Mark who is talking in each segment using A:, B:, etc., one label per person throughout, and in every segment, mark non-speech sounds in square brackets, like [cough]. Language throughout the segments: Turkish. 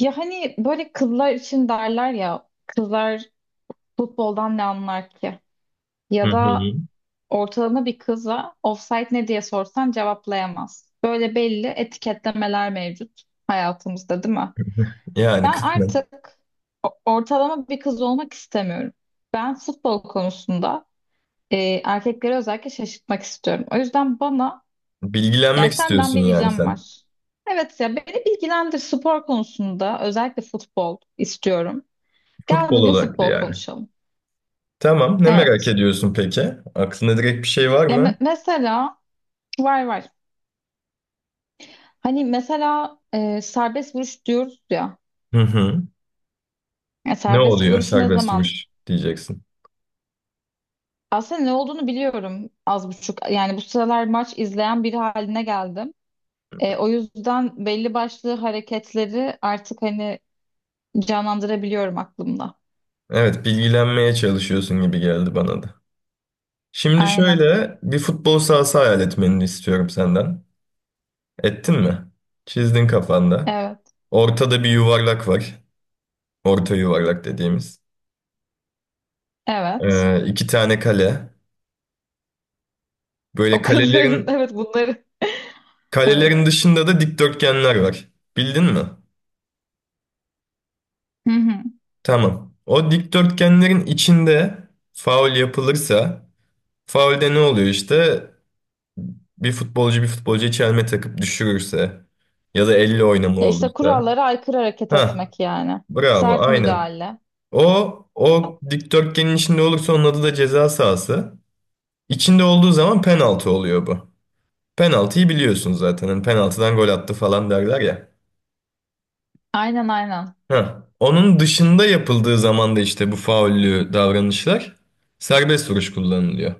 A: Ya hani böyle kızlar için derler ya, kızlar futboldan ne anlar ki?
B: Hı
A: Ya
B: hı.
A: da ortalama bir kıza offside ne diye sorsan cevaplayamaz. Böyle belli etiketlemeler mevcut hayatımızda, değil mi?
B: Yani
A: Ben
B: kısmen.
A: artık ortalama bir kız olmak istemiyorum. Ben futbol konusunda e, erkekleri özellikle şaşırtmak istiyorum. O yüzden bana yani
B: Bilgilenmek
A: senden
B: istiyorsun
A: bir
B: yani
A: ricam
B: sen.
A: var. Evet ya, beni bilgilendir spor konusunda, özellikle futbol istiyorum. Gel
B: Futbol
A: bugün
B: odaklı
A: futbol
B: yani.
A: konuşalım.
B: Tamam. Ne merak
A: Evet.
B: ediyorsun peki? Aklında direkt bir şey var
A: Ya me-
B: mı?
A: mesela var var. Hani mesela serbest vuruş diyoruz ya.
B: Hı hı.
A: Ya
B: Ne
A: serbest
B: oluyor
A: vuruşu ne
B: serbest
A: zaman?
B: vuruş diyeceksin.
A: Aslında ne olduğunu biliyorum az buçuk. Yani bu sıralar maç izleyen biri haline geldim. O yüzden belli başlı hareketleri artık hani canlandırabiliyorum aklımda.
B: Evet, bilgilenmeye çalışıyorsun gibi geldi bana da. Şimdi
A: Aynen.
B: şöyle bir futbol sahası hayal etmeni istiyorum senden. Ettin mi? Çizdin kafanda.
A: Evet.
B: Ortada bir yuvarlak var. Orta yuvarlak dediğimiz.
A: Evet.
B: İki tane kale. Böyle
A: O kadar. [laughs]
B: kalelerin
A: Evet, bunları. Evet.
B: Kalelerin dışında da dikdörtgenler var. Bildin mi?
A: Hı hı.
B: Tamam. O dikdörtgenlerin içinde faul yapılırsa, faulde ne oluyor işte? Bir futbolcu bir futbolcu çelme takıp düşürürse ya da elle oynama
A: Ya işte
B: olursa.
A: kurallara aykırı hareket
B: Ha,
A: etmek yani.
B: bravo,
A: Sert
B: aynen.
A: müdahale.
B: O dikdörtgenin içinde olursa onun adı da ceza sahası. İçinde olduğu zaman penaltı oluyor bu. Penaltıyı biliyorsun zaten. Hani penaltıdan gol attı falan derler ya.
A: Aynen, aynen.
B: Heh. Onun dışında yapıldığı zaman da işte bu faullü davranışlar serbest vuruş kullanılıyor.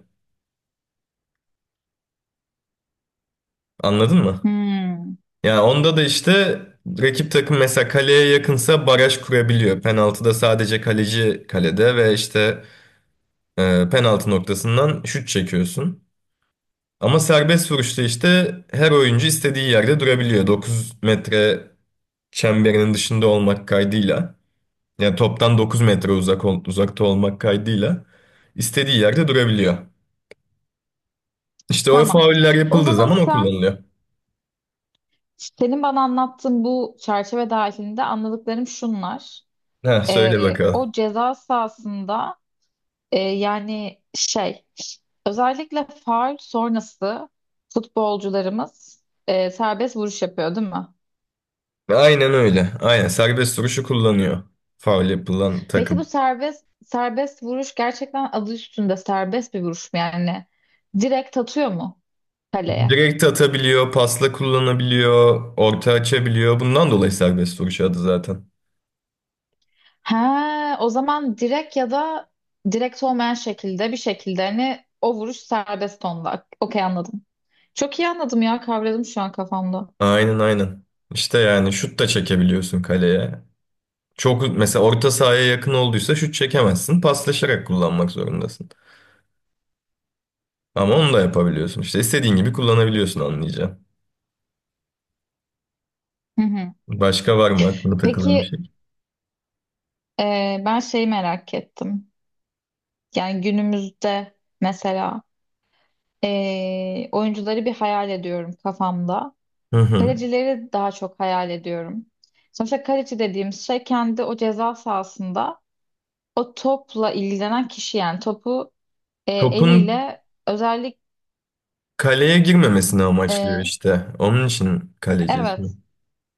B: Anladın mı?
A: Hmm,
B: Yani onda da işte rakip takım mesela kaleye yakınsa baraj kurabiliyor. Penaltıda sadece kaleci kalede ve işte penaltı noktasından şut çekiyorsun. Ama serbest vuruşta işte her oyuncu istediği yerde durabiliyor. 9 metre çemberinin dışında olmak kaydıyla. Yani toptan 9 metre uzakta olmak kaydıyla istediği yerde durabiliyor. İşte o
A: tamam.
B: fauller
A: O
B: yapıldığı
A: zaman
B: zaman o
A: sen
B: kullanılıyor.
A: senin bana anlattığın bu çerçeve dahilinde anladıklarım şunlar.
B: Ha söyle bakalım.
A: O ceza sahasında, yani şey, özellikle faul sonrası futbolcularımız serbest vuruş yapıyor, değil mi?
B: Aynen öyle. Aynen serbest vuruşu kullanıyor. Faul yapılan
A: Peki bu
B: takım.
A: serbest vuruş gerçekten adı üstünde serbest bir vuruş mu yani? Direkt atıyor mu kaleye?
B: Direkt atabiliyor, pasla kullanabiliyor, orta açabiliyor. Bundan dolayı serbest vuruş adı zaten.
A: Ha, o zaman direkt ya da direkt olmayan şekilde, bir şekilde hani o vuruş serbest onda. Okey, anladım. Çok iyi anladım ya, kavradım şu an kafamda.
B: Aynen aynen. İşte yani şut da çekebiliyorsun kaleye. Çok mesela orta sahaya yakın olduysa şut çekemezsin. Paslaşarak kullanmak zorundasın. Ama onu da yapabiliyorsun. İşte istediğin gibi kullanabiliyorsun anlayacağım.
A: Hı hı.
B: Başka var mı aklına takılan bir
A: Peki
B: şey?
A: ben şeyi merak ettim. Yani günümüzde mesela, oyuncuları bir hayal ediyorum kafamda.
B: Hı hı.
A: Kalecileri daha çok hayal ediyorum. Sonuçta kaleci dediğimiz şey kendi o ceza sahasında o topla ilgilenen kişi, yani topu
B: Topun
A: eliyle özellikle.
B: kaleye girmemesini amaçlıyor işte. Onun için kaleci ismi.
A: Evet.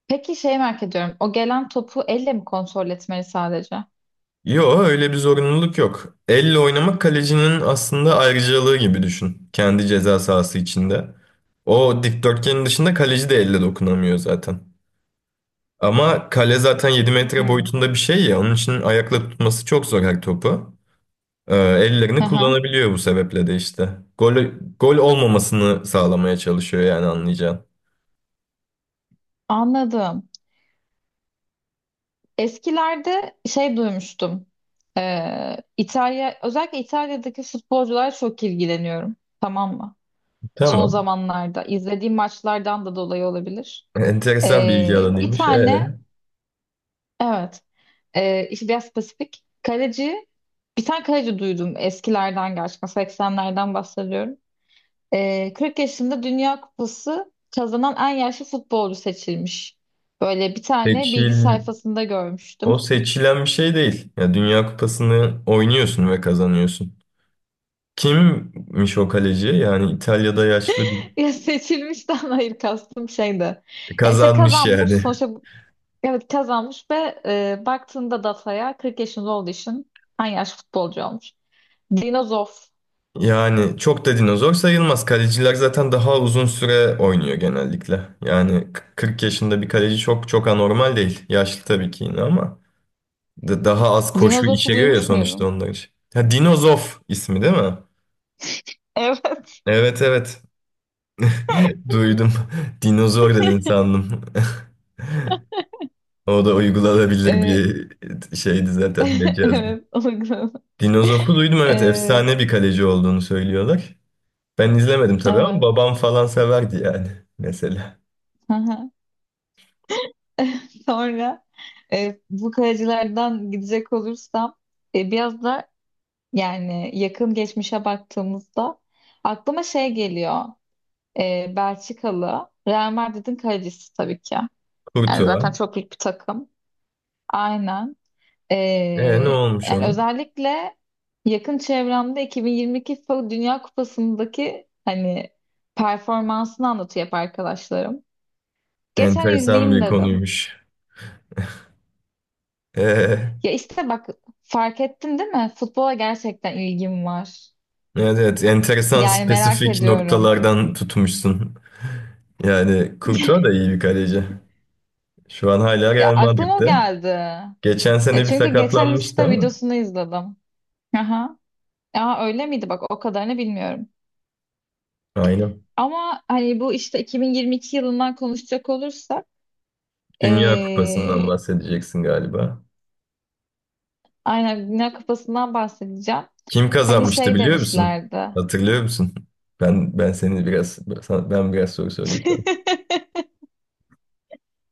A: Peki şey merak ediyorum. O gelen topu elle mi kontrol etmeli sadece?
B: Yo öyle bir zorunluluk yok. Elle oynamak kalecinin aslında ayrıcalığı gibi düşün. Kendi ceza sahası içinde. O dikdörtgenin dışında kaleci de elle dokunamıyor zaten. Ama kale zaten 7 metre
A: Hmm.
B: boyutunda bir şey ya. Onun için ayakla tutması çok zor her topu. Ellerini
A: Hı hı.
B: kullanabiliyor bu sebeple de işte. Gol, gol olmamasını sağlamaya çalışıyor yani anlayacağın.
A: Anladım. Eskilerde şey duymuştum. İtalya, özellikle İtalya'daki futbolcular, çok ilgileniyorum. Tamam mı? Son
B: Tamam.
A: zamanlarda izlediğim maçlardan da dolayı olabilir.
B: Enteresan bilgi
A: Bir
B: alanıymış.
A: tane,
B: Ee?
A: evet, işte biraz spesifik kaleci, bir tane kaleci duydum eskilerden, gerçekten 80'lerden bahsediyorum. 40 yaşında Dünya Kupası kazanan en yaşlı futbolcu seçilmiş. Böyle bir tane bilgi
B: Seçil,
A: sayfasında
B: O
A: görmüştüm.
B: seçilen bir şey değil. Ya Dünya Kupası'nı oynuyorsun ve kazanıyorsun. Kimmiş o kaleci? Yani İtalya'da yaşlı bir
A: [laughs] Ya seçilmişten hayır, kastım şeydi. Ya işte
B: kazanmış
A: kazanmış
B: yani.
A: sonuçta, evet kazanmış ve baktığında dataya 40 yaşında olduğu için en yaşlı futbolcu olmuş. Dinozof.
B: Yani çok da dinozor sayılmaz. Kaleciler zaten daha uzun süre oynuyor genellikle. Yani 40 yaşında bir kaleci çok çok anormal değil. Yaşlı tabii ki yine ama daha az koşu
A: Dinozof'u
B: içeriyor ya
A: duymuş
B: sonuçta
A: muydun?
B: onlar için. Ha, Dinozof ismi değil mi?
A: Evet.
B: Evet evet. [laughs] Duydum. Dinozor dedin sandım. [laughs] O da uygulanabilir
A: Ee,
B: bir şeydi zaten
A: [laughs]
B: mecazdı.
A: evet, o da güzel.
B: Dinozof'u duydum, evet,
A: Ee,
B: efsane bir kaleci olduğunu söylüyorlar. Ben izlemedim tabii ama
A: evet.
B: babam falan severdi yani mesela.
A: Aha. [laughs] Sonra bu kayacılardan gidecek olursam, biraz da yani yakın geçmişe baktığımızda aklıma şey geliyor. Belçikalı Real Madrid'in kalecisi tabii ki. Yani zaten
B: Kurtuğa.
A: çok büyük bir takım. Aynen.
B: E
A: Ee,
B: ne olmuş
A: yani
B: ona?
A: özellikle yakın çevremde 2022 FIFA Dünya Kupası'ndaki hani performansını anlatıyor hep arkadaşlarım. Geçen
B: Enteresan
A: izleyeyim
B: bir
A: dedim.
B: konuymuş. E,
A: Ya işte bak, fark ettin değil mi? Futbola gerçekten ilgim var.
B: evet evet, enteresan
A: Yani merak
B: spesifik
A: ediyorum.
B: noktalardan tutmuşsun. Yani Kurtuğa da iyi bir kaleci. Şu an hala
A: Ya
B: Real
A: aklıma o
B: Madrid'de.
A: geldi.
B: Geçen
A: Ya
B: sene bir
A: çünkü geçen
B: sakatlanmıştı
A: işte
B: ama.
A: videosunu izledim. Aha. Aa, öyle miydi? Bak o kadarını bilmiyorum.
B: Aynen.
A: Ama hani bu işte 2022 yılından konuşacak olursak,
B: Dünya Kupası'ndan
A: ee,
B: bahsedeceksin galiba.
A: aynen dünya kupasından bahsedeceğim.
B: Kim
A: Hani
B: kazanmıştı
A: şey
B: biliyor musun?
A: demişlerdi.
B: Hatırlıyor musun? Ben seni ben biraz soru sorayım sana.
A: [laughs]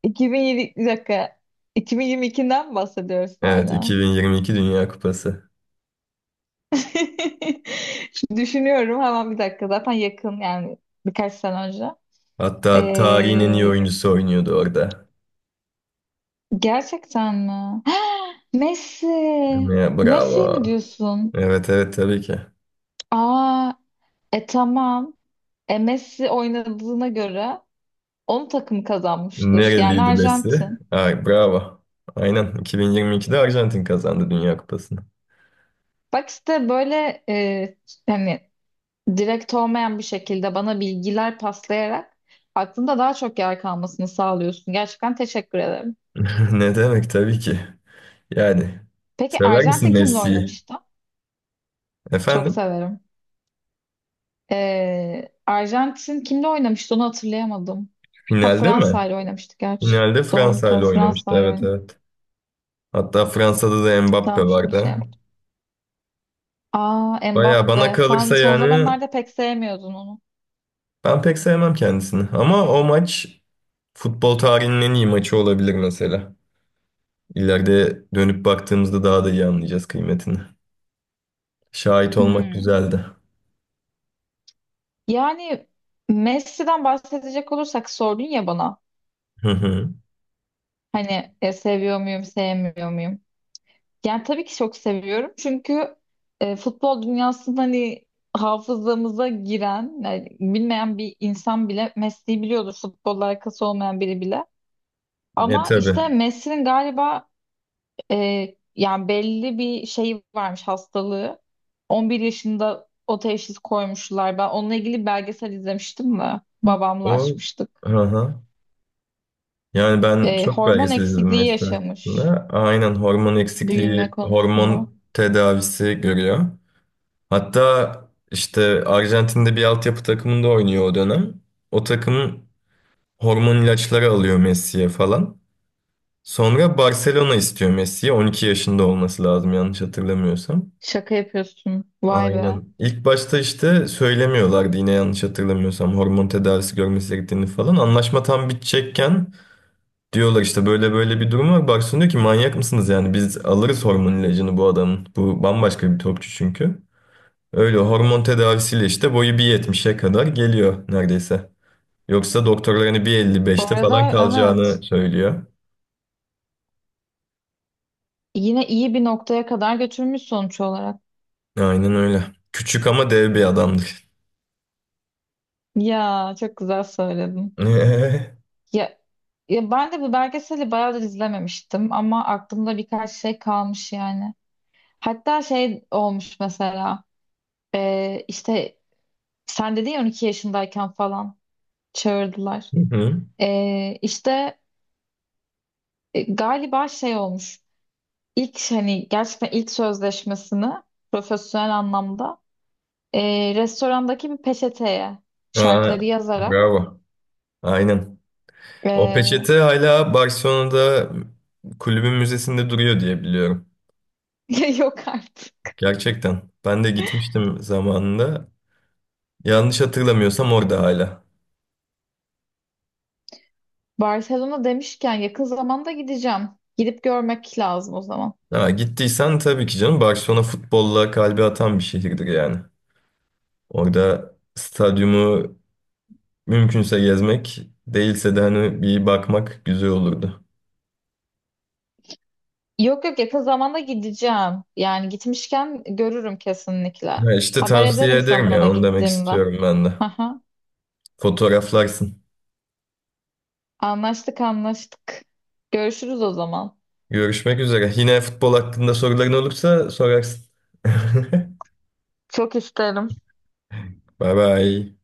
A: 2007, bir dakika. 2022'den mi bahsediyoruz
B: Evet,
A: hala?
B: 2022 Dünya Kupası.
A: [laughs] Şimdi düşünüyorum hemen, bir dakika. Zaten yakın yani, birkaç sene önce.
B: Hatta tarihin en iyi
A: Ee,
B: oyuncusu oynuyordu orada.
A: gerçekten mi? [gasps] Messi.
B: Ya,
A: Messi mi
B: bravo.
A: diyorsun?
B: Evet evet, tabii ki.
A: Aa, tamam. Messi oynadığına göre onun takımı kazanmıştır. Yani
B: Nereliydi Messi?
A: Arjantin.
B: Ay bravo. Aynen 2022'de Arjantin kazandı Dünya Kupası'nı.
A: Bak işte böyle hani direkt olmayan bir şekilde bana bilgiler paslayarak aklında daha çok yer kalmasını sağlıyorsun. Gerçekten teşekkür ederim.
B: [laughs] Ne demek, tabii ki. Yani
A: Peki
B: sever misin
A: Arjantin kimle
B: Messi'yi?
A: oynamıştı? Çok
B: Efendim?
A: severim. Arjantin kimle oynamıştı onu hatırlayamadım. Ha,
B: Finalde mi?
A: Fransa ile oynamıştı gerçi.
B: Finalde
A: Doğru
B: Fransa
A: doğru,
B: ile oynamıştı.
A: Fransa ile
B: Evet
A: oynamıştı.
B: evet. Hatta Fransa'da da Mbappe
A: Tamam, şimdi şey
B: vardı.
A: yaptım. Aa,
B: Baya
A: Mbappe,
B: bana
A: sen
B: kalırsa
A: son
B: yani
A: zamanlarda pek sevmiyordun onu.
B: ben pek sevmem kendisini. Ama o maç futbol tarihinin en iyi maçı olabilir mesela. İleride dönüp baktığımızda daha da iyi anlayacağız kıymetini. Şahit olmak
A: Hmm.
B: güzeldi.
A: Yani Messi'den bahsedecek olursak, sordun ya bana.
B: Hı hı.
A: Hani seviyor muyum, sevmiyor muyum? Yani tabii ki çok seviyorum. Çünkü futbol dünyasında hani hafızamıza giren, yani bilmeyen bir insan bile Messi'yi biliyordur. Futbolla alakası olmayan biri bile.
B: E
A: Ama
B: tabii.
A: işte Messi'nin galiba yani belli bir şeyi varmış, hastalığı. 11 yaşında o teşhis koymuşlar. Ben onunla ilgili belgesel izlemiştim de babamla
B: O,
A: açmıştık.
B: hı hı. Yani ben çok
A: Hormon
B: belgesel izledim
A: eksikliği
B: mesela.
A: yaşamış
B: Aynen, hormon
A: büyüme
B: eksikliği,
A: konusunda.
B: hormon tedavisi görüyor. Hatta işte Arjantin'de bir altyapı takımında oynuyor o dönem. O takım hormon ilaçları alıyor Messi'ye falan. Sonra Barcelona istiyor Messi'ye. 12 yaşında olması lazım yanlış hatırlamıyorsam.
A: Şaka yapıyorsun. Vay be.
B: Aynen. İlk başta işte söylemiyorlardı yine yanlış hatırlamıyorsam hormon tedavisi görmesi gerektiğini falan. Anlaşma tam bitecekken diyorlar işte böyle böyle bir durum var. Barcelona diyor ki manyak mısınız yani, biz alırız hormon ilacını bu adamın. Bu bambaşka bir topçu çünkü. Öyle hormon tedavisiyle işte boyu 1.70'e kadar geliyor neredeyse. Yoksa doktorlar hani bir elli
A: Bu
B: beşte falan
A: arada evet.
B: kalacağını söylüyor.
A: Yine iyi bir noktaya kadar götürmüş sonuç olarak.
B: Aynen öyle. Küçük ama dev bir adamdır.
A: Ya çok güzel söyledin.
B: [laughs] Hı
A: Ya, ya ben de bu belgeseli bayağıdır izlememiştim ama aklımda birkaç şey kalmış yani. Hatta şey olmuş mesela, işte sen dedin ya, 12 yaşındayken falan çağırdılar.
B: hı.
A: İşte galiba şey olmuş. İlk hani gerçekten ilk sözleşmesini profesyonel anlamda, restorandaki bir peçeteye
B: Aa,
A: şartları yazarak.
B: bravo. Aynen. O
A: ee,
B: peçete hala Barcelona'da kulübün müzesinde duruyor diye biliyorum.
A: [laughs] yok artık.
B: Gerçekten. Ben de gitmiştim zamanında. Yanlış hatırlamıyorsam orada hala.
A: Barcelona demişken, yakın zamanda gideceğim. Gidip görmek lazım o zaman.
B: Ha, gittiysen tabii ki canım, Barcelona futbolla kalbi atan bir şehirdir yani. Orada stadyumu mümkünse gezmek, değilse de hani bir bakmak güzel olurdu.
A: Yok yok, yakın zamanda gideceğim. Yani gitmişken görürüm kesinlikle.
B: Ha işte
A: Haber
B: tavsiye
A: ederim
B: ederim
A: sana da
B: ya, onu demek
A: gittiğimde.
B: istiyorum ben de.
A: Aha,
B: Fotoğraflarsın.
A: anlaştık anlaştık. Görüşürüz o zaman.
B: Görüşmek üzere. Yine futbol hakkında soruların olursa sorarsın. [laughs]
A: Çok isterim.
B: Bye bye.